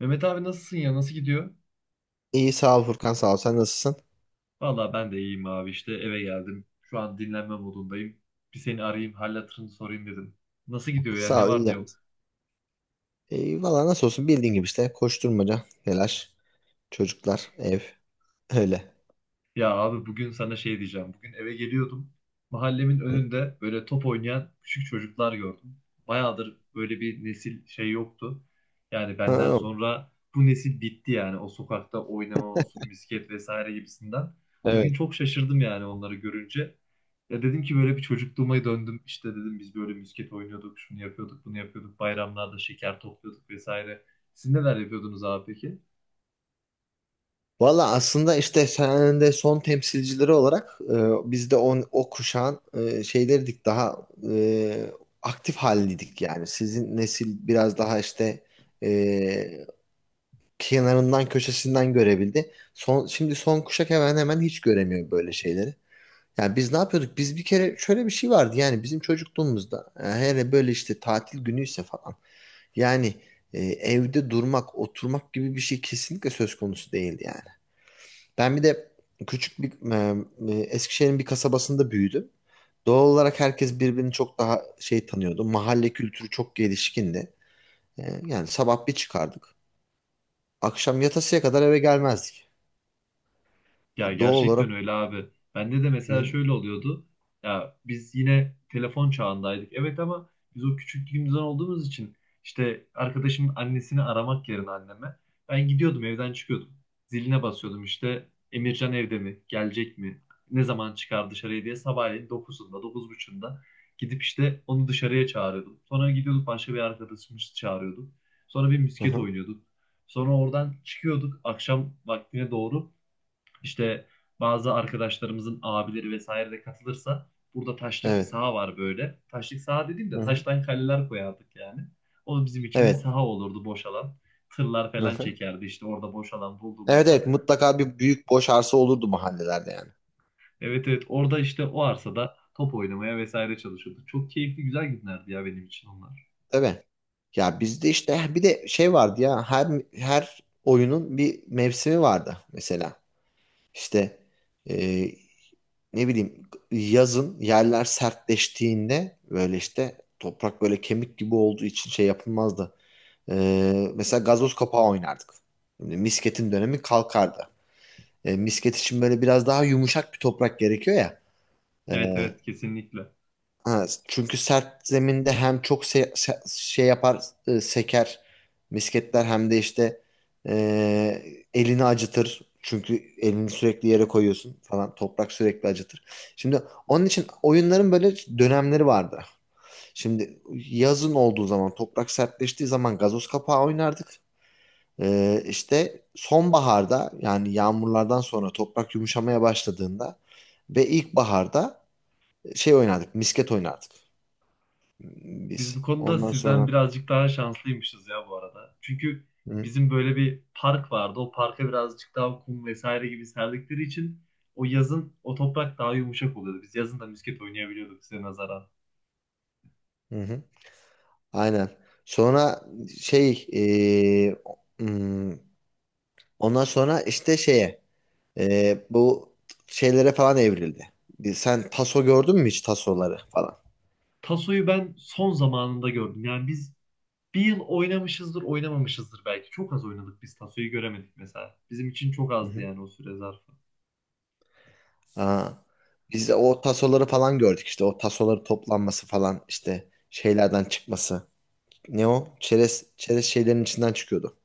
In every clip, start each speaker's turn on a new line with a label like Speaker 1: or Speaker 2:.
Speaker 1: Mehmet abi nasılsın ya? Nasıl gidiyor?
Speaker 2: İyi sağ ol Furkan, sağ ol. Sen nasılsın?
Speaker 1: Valla ben de iyiyim abi işte eve geldim. Şu an dinlenme modundayım. Bir seni arayayım, hal hatırını sorayım dedim. Nasıl gidiyor ya?
Speaker 2: Sağ
Speaker 1: Ne
Speaker 2: ol, iyi
Speaker 1: var ne
Speaker 2: yapmışsın.
Speaker 1: yok?
Speaker 2: İyi valla, nasıl olsun, bildiğin gibi işte koşturmaca, telaş, çocuklar, ev, öyle.
Speaker 1: Ya abi bugün sana şey diyeceğim. Bugün eve geliyordum. Mahallemin önünde böyle top oynayan küçük çocuklar gördüm. Bayağıdır böyle bir nesil şey yoktu. Yani benden
Speaker 2: Ha,
Speaker 1: sonra bu nesil bitti yani. O sokakta oynama olsun, misket vesaire gibisinden. Bugün
Speaker 2: evet.
Speaker 1: çok şaşırdım yani onları görünce. Ya dedim ki böyle bir çocukluğuma döndüm. İşte dedim biz böyle misket oynuyorduk, şunu yapıyorduk, bunu yapıyorduk. Bayramlarda şeker topluyorduk vesaire. Siz neler yapıyordunuz abi peki?
Speaker 2: Valla aslında işte sen de son temsilcileri olarak biz de o kuşağın şeylerdik daha aktif haldeydik yani. Sizin nesil biraz daha işte e, kenarından köşesinden görebildi. Şimdi son kuşak hemen hemen hiç göremiyor böyle şeyleri. Yani biz ne yapıyorduk? Biz bir kere şöyle bir şey vardı yani, bizim çocukluğumuzda hele böyle işte tatil günüyse falan, yani evde durmak, oturmak gibi bir şey kesinlikle söz konusu değildi yani. Ben bir de küçük bir Eskişehir'in bir kasabasında büyüdüm. Doğal olarak herkes birbirini çok daha şey tanıyordu. Mahalle kültürü çok gelişkindi. Yani sabah bir çıkardık. Akşam yatasıya kadar eve gelmezdik.
Speaker 1: Ya
Speaker 2: Doğal olarak.
Speaker 1: gerçekten öyle abi. Bende de
Speaker 2: Hı
Speaker 1: mesela
Speaker 2: hı.
Speaker 1: şöyle oluyordu. Ya biz yine telefon çağındaydık. Evet, ama biz o küçüklüğümüzden olduğumuz için işte arkadaşımın annesini aramak yerine anneme ben gidiyordum, evden çıkıyordum. Ziline basıyordum işte Emircan evde mi? Gelecek mi? Ne zaman çıkar dışarıya diye sabahleyin dokuzunda dokuz 9:30'da gidip işte onu dışarıya çağırıyordum. Sonra gidiyorduk başka bir arkadaşımı çağırıyorduk. Sonra bir
Speaker 2: Hı
Speaker 1: misket
Speaker 2: hı.
Speaker 1: oynuyorduk. Sonra oradan çıkıyorduk akşam vaktine doğru. İşte bazı arkadaşlarımızın abileri vesaire de katılırsa burada taşlık bir
Speaker 2: Evet.
Speaker 1: saha var böyle. Taşlık saha dediğim
Speaker 2: Hı
Speaker 1: de
Speaker 2: hı.
Speaker 1: taştan kaleler koyardık yani. O bizim için bir
Speaker 2: Evet.
Speaker 1: saha olurdu, boş alan. Tırlar
Speaker 2: Hı
Speaker 1: falan
Speaker 2: hı.
Speaker 1: çekerdi işte orada boş alan
Speaker 2: Evet,
Speaker 1: bulduğumuzda.
Speaker 2: evet, mutlaka bir büyük boş arsa olurdu mahallelerde yani.
Speaker 1: Evet, evet, orada işte o arsada top oynamaya vesaire çalışıyorduk. Çok keyifli, güzel günlerdi ya benim için onlar.
Speaker 2: Tabii. Ya bizde işte bir de şey vardı ya, her oyunun bir mevsimi vardı mesela. İşte e, ne bileyim, yazın yerler sertleştiğinde böyle işte toprak böyle kemik gibi olduğu için şey yapılmazdı. E, Mesela gazoz kapağı oynardık. Şimdi misketin dönemi kalkardı. Misket için böyle biraz daha yumuşak bir toprak gerekiyor ya. E,
Speaker 1: Evet, evet, kesinlikle.
Speaker 2: Ha, çünkü sert zeminde hem çok şey yapar, seker misketler, hem de işte elini acıtır. Çünkü elini sürekli yere koyuyorsun falan. Toprak sürekli acıtır. Şimdi onun için oyunların böyle dönemleri vardı. Şimdi yazın olduğu zaman, toprak sertleştiği zaman gazoz kapağı oynardık. İşte sonbaharda, yani yağmurlardan sonra toprak yumuşamaya başladığında ve ilkbaharda şey oynardık, misket oynardık
Speaker 1: Biz
Speaker 2: biz.
Speaker 1: bu konuda
Speaker 2: Ondan
Speaker 1: sizden
Speaker 2: sonra.
Speaker 1: birazcık daha şanslıymışız ya bu arada. Çünkü
Speaker 2: Hı,
Speaker 1: bizim böyle bir park vardı. O parka birazcık daha kum vesaire gibi serdikleri için o yazın o toprak daha yumuşak oluyordu. Biz yazın da misket oynayabiliyorduk size nazaran.
Speaker 2: hı hı. Aynen. Sonra şey, hmm, ondan sonra işte şeye, bu şeylere falan evrildi. Sen taso gördün mü hiç, tasoları falan?
Speaker 1: Tasoyu ben son zamanında gördüm. Yani biz bir yıl oynamışızdır, oynamamışızdır belki. Çok az oynadık, biz Tasoyu göremedik mesela. Bizim için çok
Speaker 2: Hı
Speaker 1: azdı
Speaker 2: hı.
Speaker 1: yani o süre zarfı.
Speaker 2: Aa, biz de o tasoları falan gördük işte, o tasoları toplanması falan, işte şeylerden çıkması. Ne o? Çerez şeylerin içinden çıkıyordu.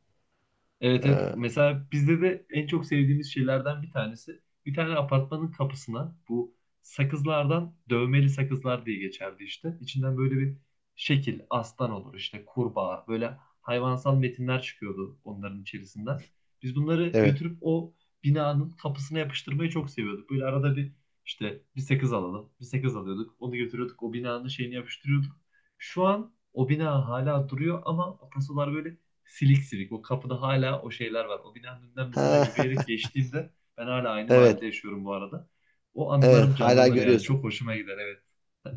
Speaker 1: Evet, evet.
Speaker 2: Ee,
Speaker 1: Mesela bizde de en çok sevdiğimiz şeylerden bir tanesi. Bir tane apartmanın kapısına bu sakızlardan, dövmeli sakızlar diye geçerdi işte. İçinden böyle bir şekil, aslan olur, işte kurbağa, böyle hayvansal metinler çıkıyordu onların içerisinden. Biz bunları
Speaker 2: evet.
Speaker 1: götürüp o binanın kapısına yapıştırmayı çok seviyorduk. Böyle arada bir işte bir sakız alalım, bir sakız alıyorduk. Onu götürüyorduk, o binanın şeyini yapıştırıyorduk. Şu an o bina hala duruyor ama o tasolar böyle silik silik. O kapıda hala o şeyler var. O binanın önünden mesela
Speaker 2: Ha,
Speaker 1: yürüyerek geçtiğimde, ben hala aynı mahallede
Speaker 2: evet.
Speaker 1: yaşıyorum bu arada, o
Speaker 2: Evet.
Speaker 1: anılarım
Speaker 2: Hala
Speaker 1: canlanır yani. Çok
Speaker 2: görüyorsun.
Speaker 1: hoşuma gider, evet.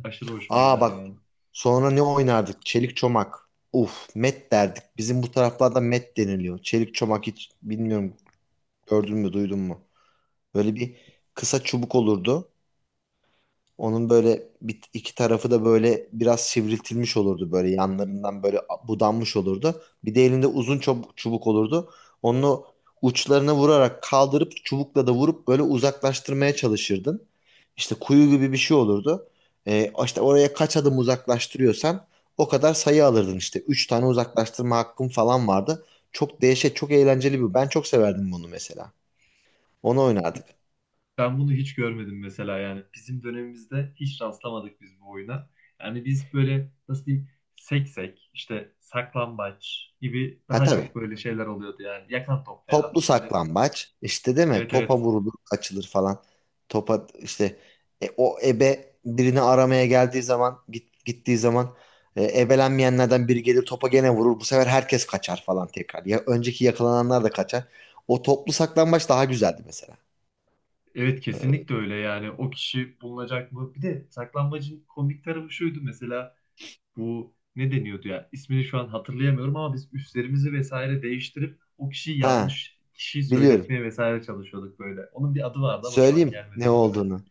Speaker 1: Aşırı hoşuma
Speaker 2: Aa,
Speaker 1: gider
Speaker 2: bak,
Speaker 1: yani.
Speaker 2: sonra ne oynardık? Çelik çomak. Uf, met derdik. Bizim bu taraflarda met deniliyor. Çelik çomak hiç bilmiyorum, gördün mü, duydun mu? Böyle bir kısa çubuk olurdu. Onun böyle, bir iki tarafı da böyle biraz sivriltilmiş olurdu, böyle yanlarından böyle budanmış olurdu. Bir de elinde uzun çubuk olurdu. Onu uçlarına vurarak kaldırıp, çubukla da vurup böyle uzaklaştırmaya çalışırdın. İşte kuyu gibi bir şey olurdu. İşte oraya kaç adım uzaklaştırıyorsan, o kadar sayı alırdın işte. Üç tane uzaklaştırma hakkın falan vardı. Çok değişik, çok eğlenceli bir. Ben çok severdim bunu mesela. Onu oynardık.
Speaker 1: Ben bunu hiç görmedim mesela yani. Bizim dönemimizde hiç rastlamadık biz bu oyuna. Yani biz böyle nasıl diyeyim, seksek işte, saklambaç gibi
Speaker 2: Ha,
Speaker 1: daha çok
Speaker 2: tabii.
Speaker 1: böyle şeyler oluyordu yani. Yakan top falan
Speaker 2: Toplu
Speaker 1: böyle.
Speaker 2: saklambaç işte, değil mi?
Speaker 1: Evet,
Speaker 2: Topa
Speaker 1: evet.
Speaker 2: vurulur, açılır falan. Topa işte, o ebe birini aramaya geldiği zaman, gittiği zaman ebelenmeyenlerden biri gelir, topa gene vurur. Bu sefer herkes kaçar falan tekrar. Ya önceki yakalananlar da kaçar. O toplu saklambaç daha güzeldi mesela.
Speaker 1: Evet,
Speaker 2: Ee,
Speaker 1: kesinlikle öyle yani. O kişi bulunacak mı? Bir de saklambacın komik tarafı şuydu mesela. Bu ne deniyordu ya? İsmini şu an hatırlayamıyorum ama biz üstlerimizi vesaire değiştirip o kişiyi,
Speaker 2: Ha,
Speaker 1: yanlış kişiyi
Speaker 2: biliyorum.
Speaker 1: söyletmeye vesaire çalışıyorduk böyle. Onun bir adı vardı ama şu an
Speaker 2: Söyleyeyim ne
Speaker 1: gelmedi aklıma.
Speaker 2: olduğunu.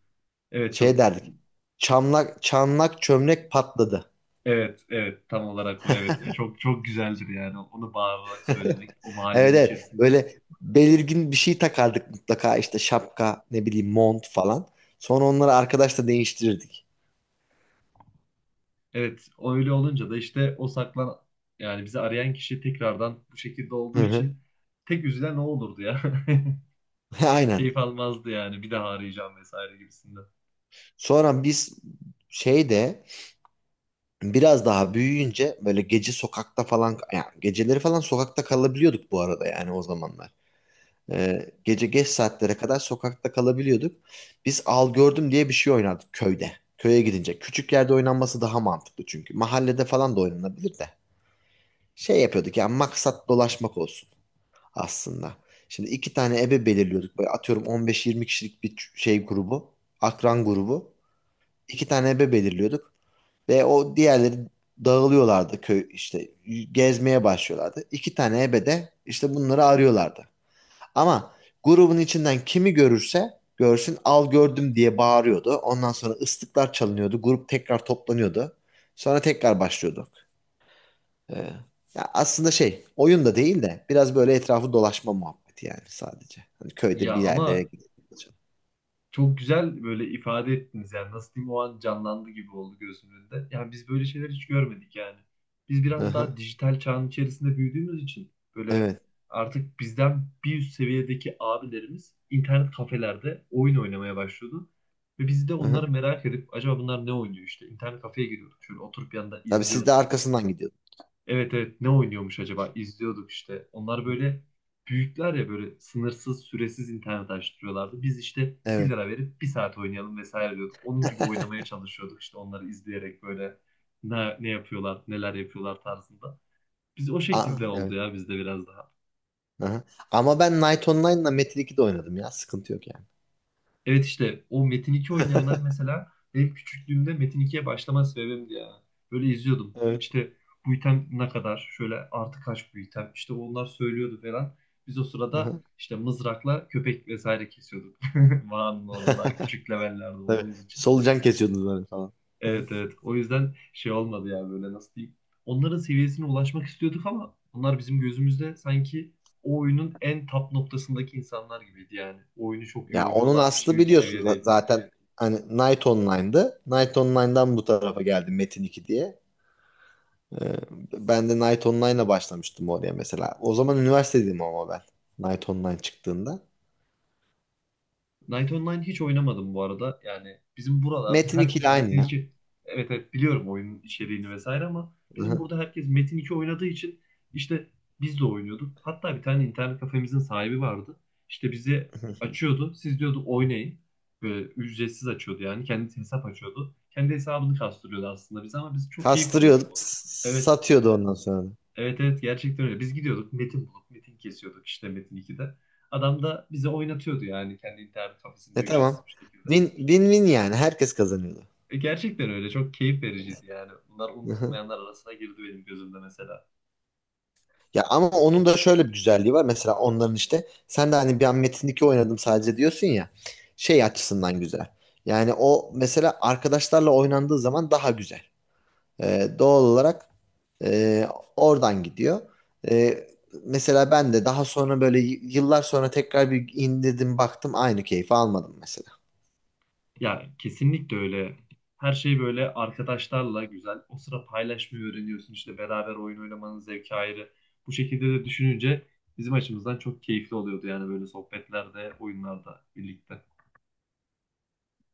Speaker 1: Evet
Speaker 2: Şey
Speaker 1: çok
Speaker 2: derdik. Çamlak çamlak çömlek patladı.
Speaker 1: evet, evet, tam olarak o, evet. Ya çok çok güzeldir yani onu bağırarak söylemek o
Speaker 2: Evet,
Speaker 1: mahallenin
Speaker 2: evet.
Speaker 1: içerisinde.
Speaker 2: Böyle belirgin bir şey takardık mutlaka, işte şapka, ne bileyim, mont falan. Sonra onları arkadaşla değiştirirdik.
Speaker 1: Evet, o öyle olunca da işte o saklan yani bizi arayan kişi tekrardan bu şekilde
Speaker 2: Hı
Speaker 1: olduğu
Speaker 2: hı.
Speaker 1: için tek üzülen o olurdu ya.
Speaker 2: Aynen.
Speaker 1: Keyif almazdı yani, bir daha arayacağım vesaire gibisinden.
Speaker 2: Sonra biz şeyde, biraz daha büyüyünce böyle gece sokakta falan, yani geceleri falan sokakta kalabiliyorduk bu arada, yani o zamanlar. Gece geç saatlere kadar sokakta kalabiliyorduk. Biz al gördüm diye bir şey oynardık köyde. Köye gidince. Küçük yerde oynanması daha mantıklı çünkü. Mahallede falan da oynanabilir de. Şey yapıyorduk, yani maksat dolaşmak olsun aslında. Şimdi iki tane ebe belirliyorduk. Böyle atıyorum 15-20 kişilik bir şey grubu, akran grubu. İki tane ebe belirliyorduk ve o diğerleri dağılıyorlardı, köy işte gezmeye başlıyorlardı. İki tane ebe de işte bunları arıyorlardı. Ama grubun içinden kimi görürse görsün, al gördüm diye bağırıyordu. Ondan sonra ıslıklar çalınıyordu. Grup tekrar toplanıyordu. Sonra tekrar başlıyorduk. Ee, Ya aslında şey, oyun da değil de biraz böyle etrafı dolaşma muhabbeti yani sadece. Hani köyde
Speaker 1: Ya
Speaker 2: bir yerlere
Speaker 1: ama
Speaker 2: gidiyor.
Speaker 1: Çok güzel böyle ifade ettiniz yani, nasıl diyeyim, o an canlandı gibi oldu gözümün önünde. Yani biz böyle şeyler hiç görmedik yani. Biz
Speaker 2: Hı
Speaker 1: biraz
Speaker 2: hı.
Speaker 1: daha dijital çağın içerisinde büyüdüğümüz için böyle
Speaker 2: Evet.
Speaker 1: artık bizden bir üst seviyedeki abilerimiz internet kafelerde oyun oynamaya başlıyordu. Ve biz de
Speaker 2: Hı hı.
Speaker 1: onları merak edip acaba bunlar ne oynuyor işte, internet kafeye giriyorduk, şöyle oturup yanında
Speaker 2: Tabii, siz de
Speaker 1: izliyorduk.
Speaker 2: arkasından gidiyordunuz.
Speaker 1: Evet, evet, ne oynuyormuş acaba? İzliyorduk işte. Onlar böyle büyükler ya, böyle sınırsız süresiz internet açtırıyorlardı. Biz işte 1
Speaker 2: Evet.
Speaker 1: lira verip bir saat oynayalım vesaire diyorduk. Onun gibi oynamaya çalışıyorduk işte onları izleyerek böyle ne yapıyorlar, neler yapıyorlar tarzında. Biz o
Speaker 2: Aa,
Speaker 1: şekilde oldu
Speaker 2: evet.
Speaker 1: ya, bizde biraz daha.
Speaker 2: Hı hı. Ama ben Night Online'la Metin 2'de oynadım ya. Sıkıntı yok yani.
Speaker 1: Evet, işte o Metin 2 oynayanlar mesela benim küçüklüğümde Metin 2'ye başlama sebebimdi ya. Böyle izliyordum.
Speaker 2: Evet.
Speaker 1: İşte bu item ne kadar? Şöyle artı kaç bu item? İşte onlar söylüyordu falan. Biz o
Speaker 2: Hı
Speaker 1: sırada
Speaker 2: hı.
Speaker 1: işte mızrakla köpek vesaire kesiyorduk. Mağaranın orada daha küçük levellerde
Speaker 2: Tabii.
Speaker 1: olduğumuz için.
Speaker 2: Solucan kesiyordunuz böyle falan. Hı.
Speaker 1: Evet, evet. O yüzden şey olmadı ya, böyle nasıl diyeyim. Onların seviyesine ulaşmak istiyorduk ama onlar bizim gözümüzde sanki o oyunun en top noktasındaki insanlar gibiydi yani. O oyunu çok iyi
Speaker 2: Ya onun
Speaker 1: oynuyorlarmış
Speaker 2: aslı
Speaker 1: gibi bir
Speaker 2: biliyorsun
Speaker 1: seviyedeydi.
Speaker 2: zaten hani Night Online'dı. Night Online'dan bu tarafa geldi Metin 2 diye. Ee, Ben de Night Online'la başlamıştım oraya mesela. O zaman üniversitedeydim ama ben. Night Online çıktığında.
Speaker 1: Knight Online hiç oynamadım bu arada. Yani bizim buralarda
Speaker 2: Metin 2 ile
Speaker 1: herkes
Speaker 2: aynı
Speaker 1: Metin
Speaker 2: ya.
Speaker 1: 2, evet, evet, biliyorum oyunun içeriğini vesaire ama
Speaker 2: Hı
Speaker 1: bizim
Speaker 2: hı.
Speaker 1: burada herkes Metin 2 oynadığı için işte biz de oynuyorduk. Hatta bir tane internet kafemizin sahibi vardı. İşte bizi açıyordu. Siz diyordu oynayın. Böyle ücretsiz açıyordu yani. Kendi hesap açıyordu. Kendi hesabını kastırıyordu aslında bize, ama biz çok keyif alıyorduk
Speaker 2: Kastırıyordu,
Speaker 1: o. Evet.
Speaker 2: satıyordu ondan sonra.
Speaker 1: Evet, evet, gerçekten öyle. Biz gidiyorduk metin bulup metin kesiyorduk işte Metin 2'de. Adam da bize oynatıyordu yani kendi internet kafesinde
Speaker 2: E, tamam.
Speaker 1: ücretsiz bir şekilde.
Speaker 2: Win, win win yani. Herkes kazanıyordu.
Speaker 1: Gerçekten öyle, çok keyif vericiydi yani. Bunlar
Speaker 2: Hı hı.
Speaker 1: unutulmayanlar arasına girdi benim gözümde mesela.
Speaker 2: Ya ama onun da şöyle bir güzelliği var. Mesela onların işte, sen de hani bir an Metin 2 oynadım sadece diyorsun ya. Şey açısından güzel. Yani o, mesela arkadaşlarla oynandığı zaman daha güzel. Doğal olarak e, oradan gidiyor. E, Mesela ben de daha sonra böyle yıllar sonra tekrar bir indirdim, baktım aynı keyfi almadım mesela.
Speaker 1: Ya kesinlikle öyle. Her şey böyle arkadaşlarla güzel. O sıra paylaşmayı öğreniyorsun işte, beraber oyun oynamanın zevki ayrı. Bu şekilde de düşününce bizim açımızdan çok keyifli oluyordu yani, böyle sohbetlerde, oyunlarda birlikte.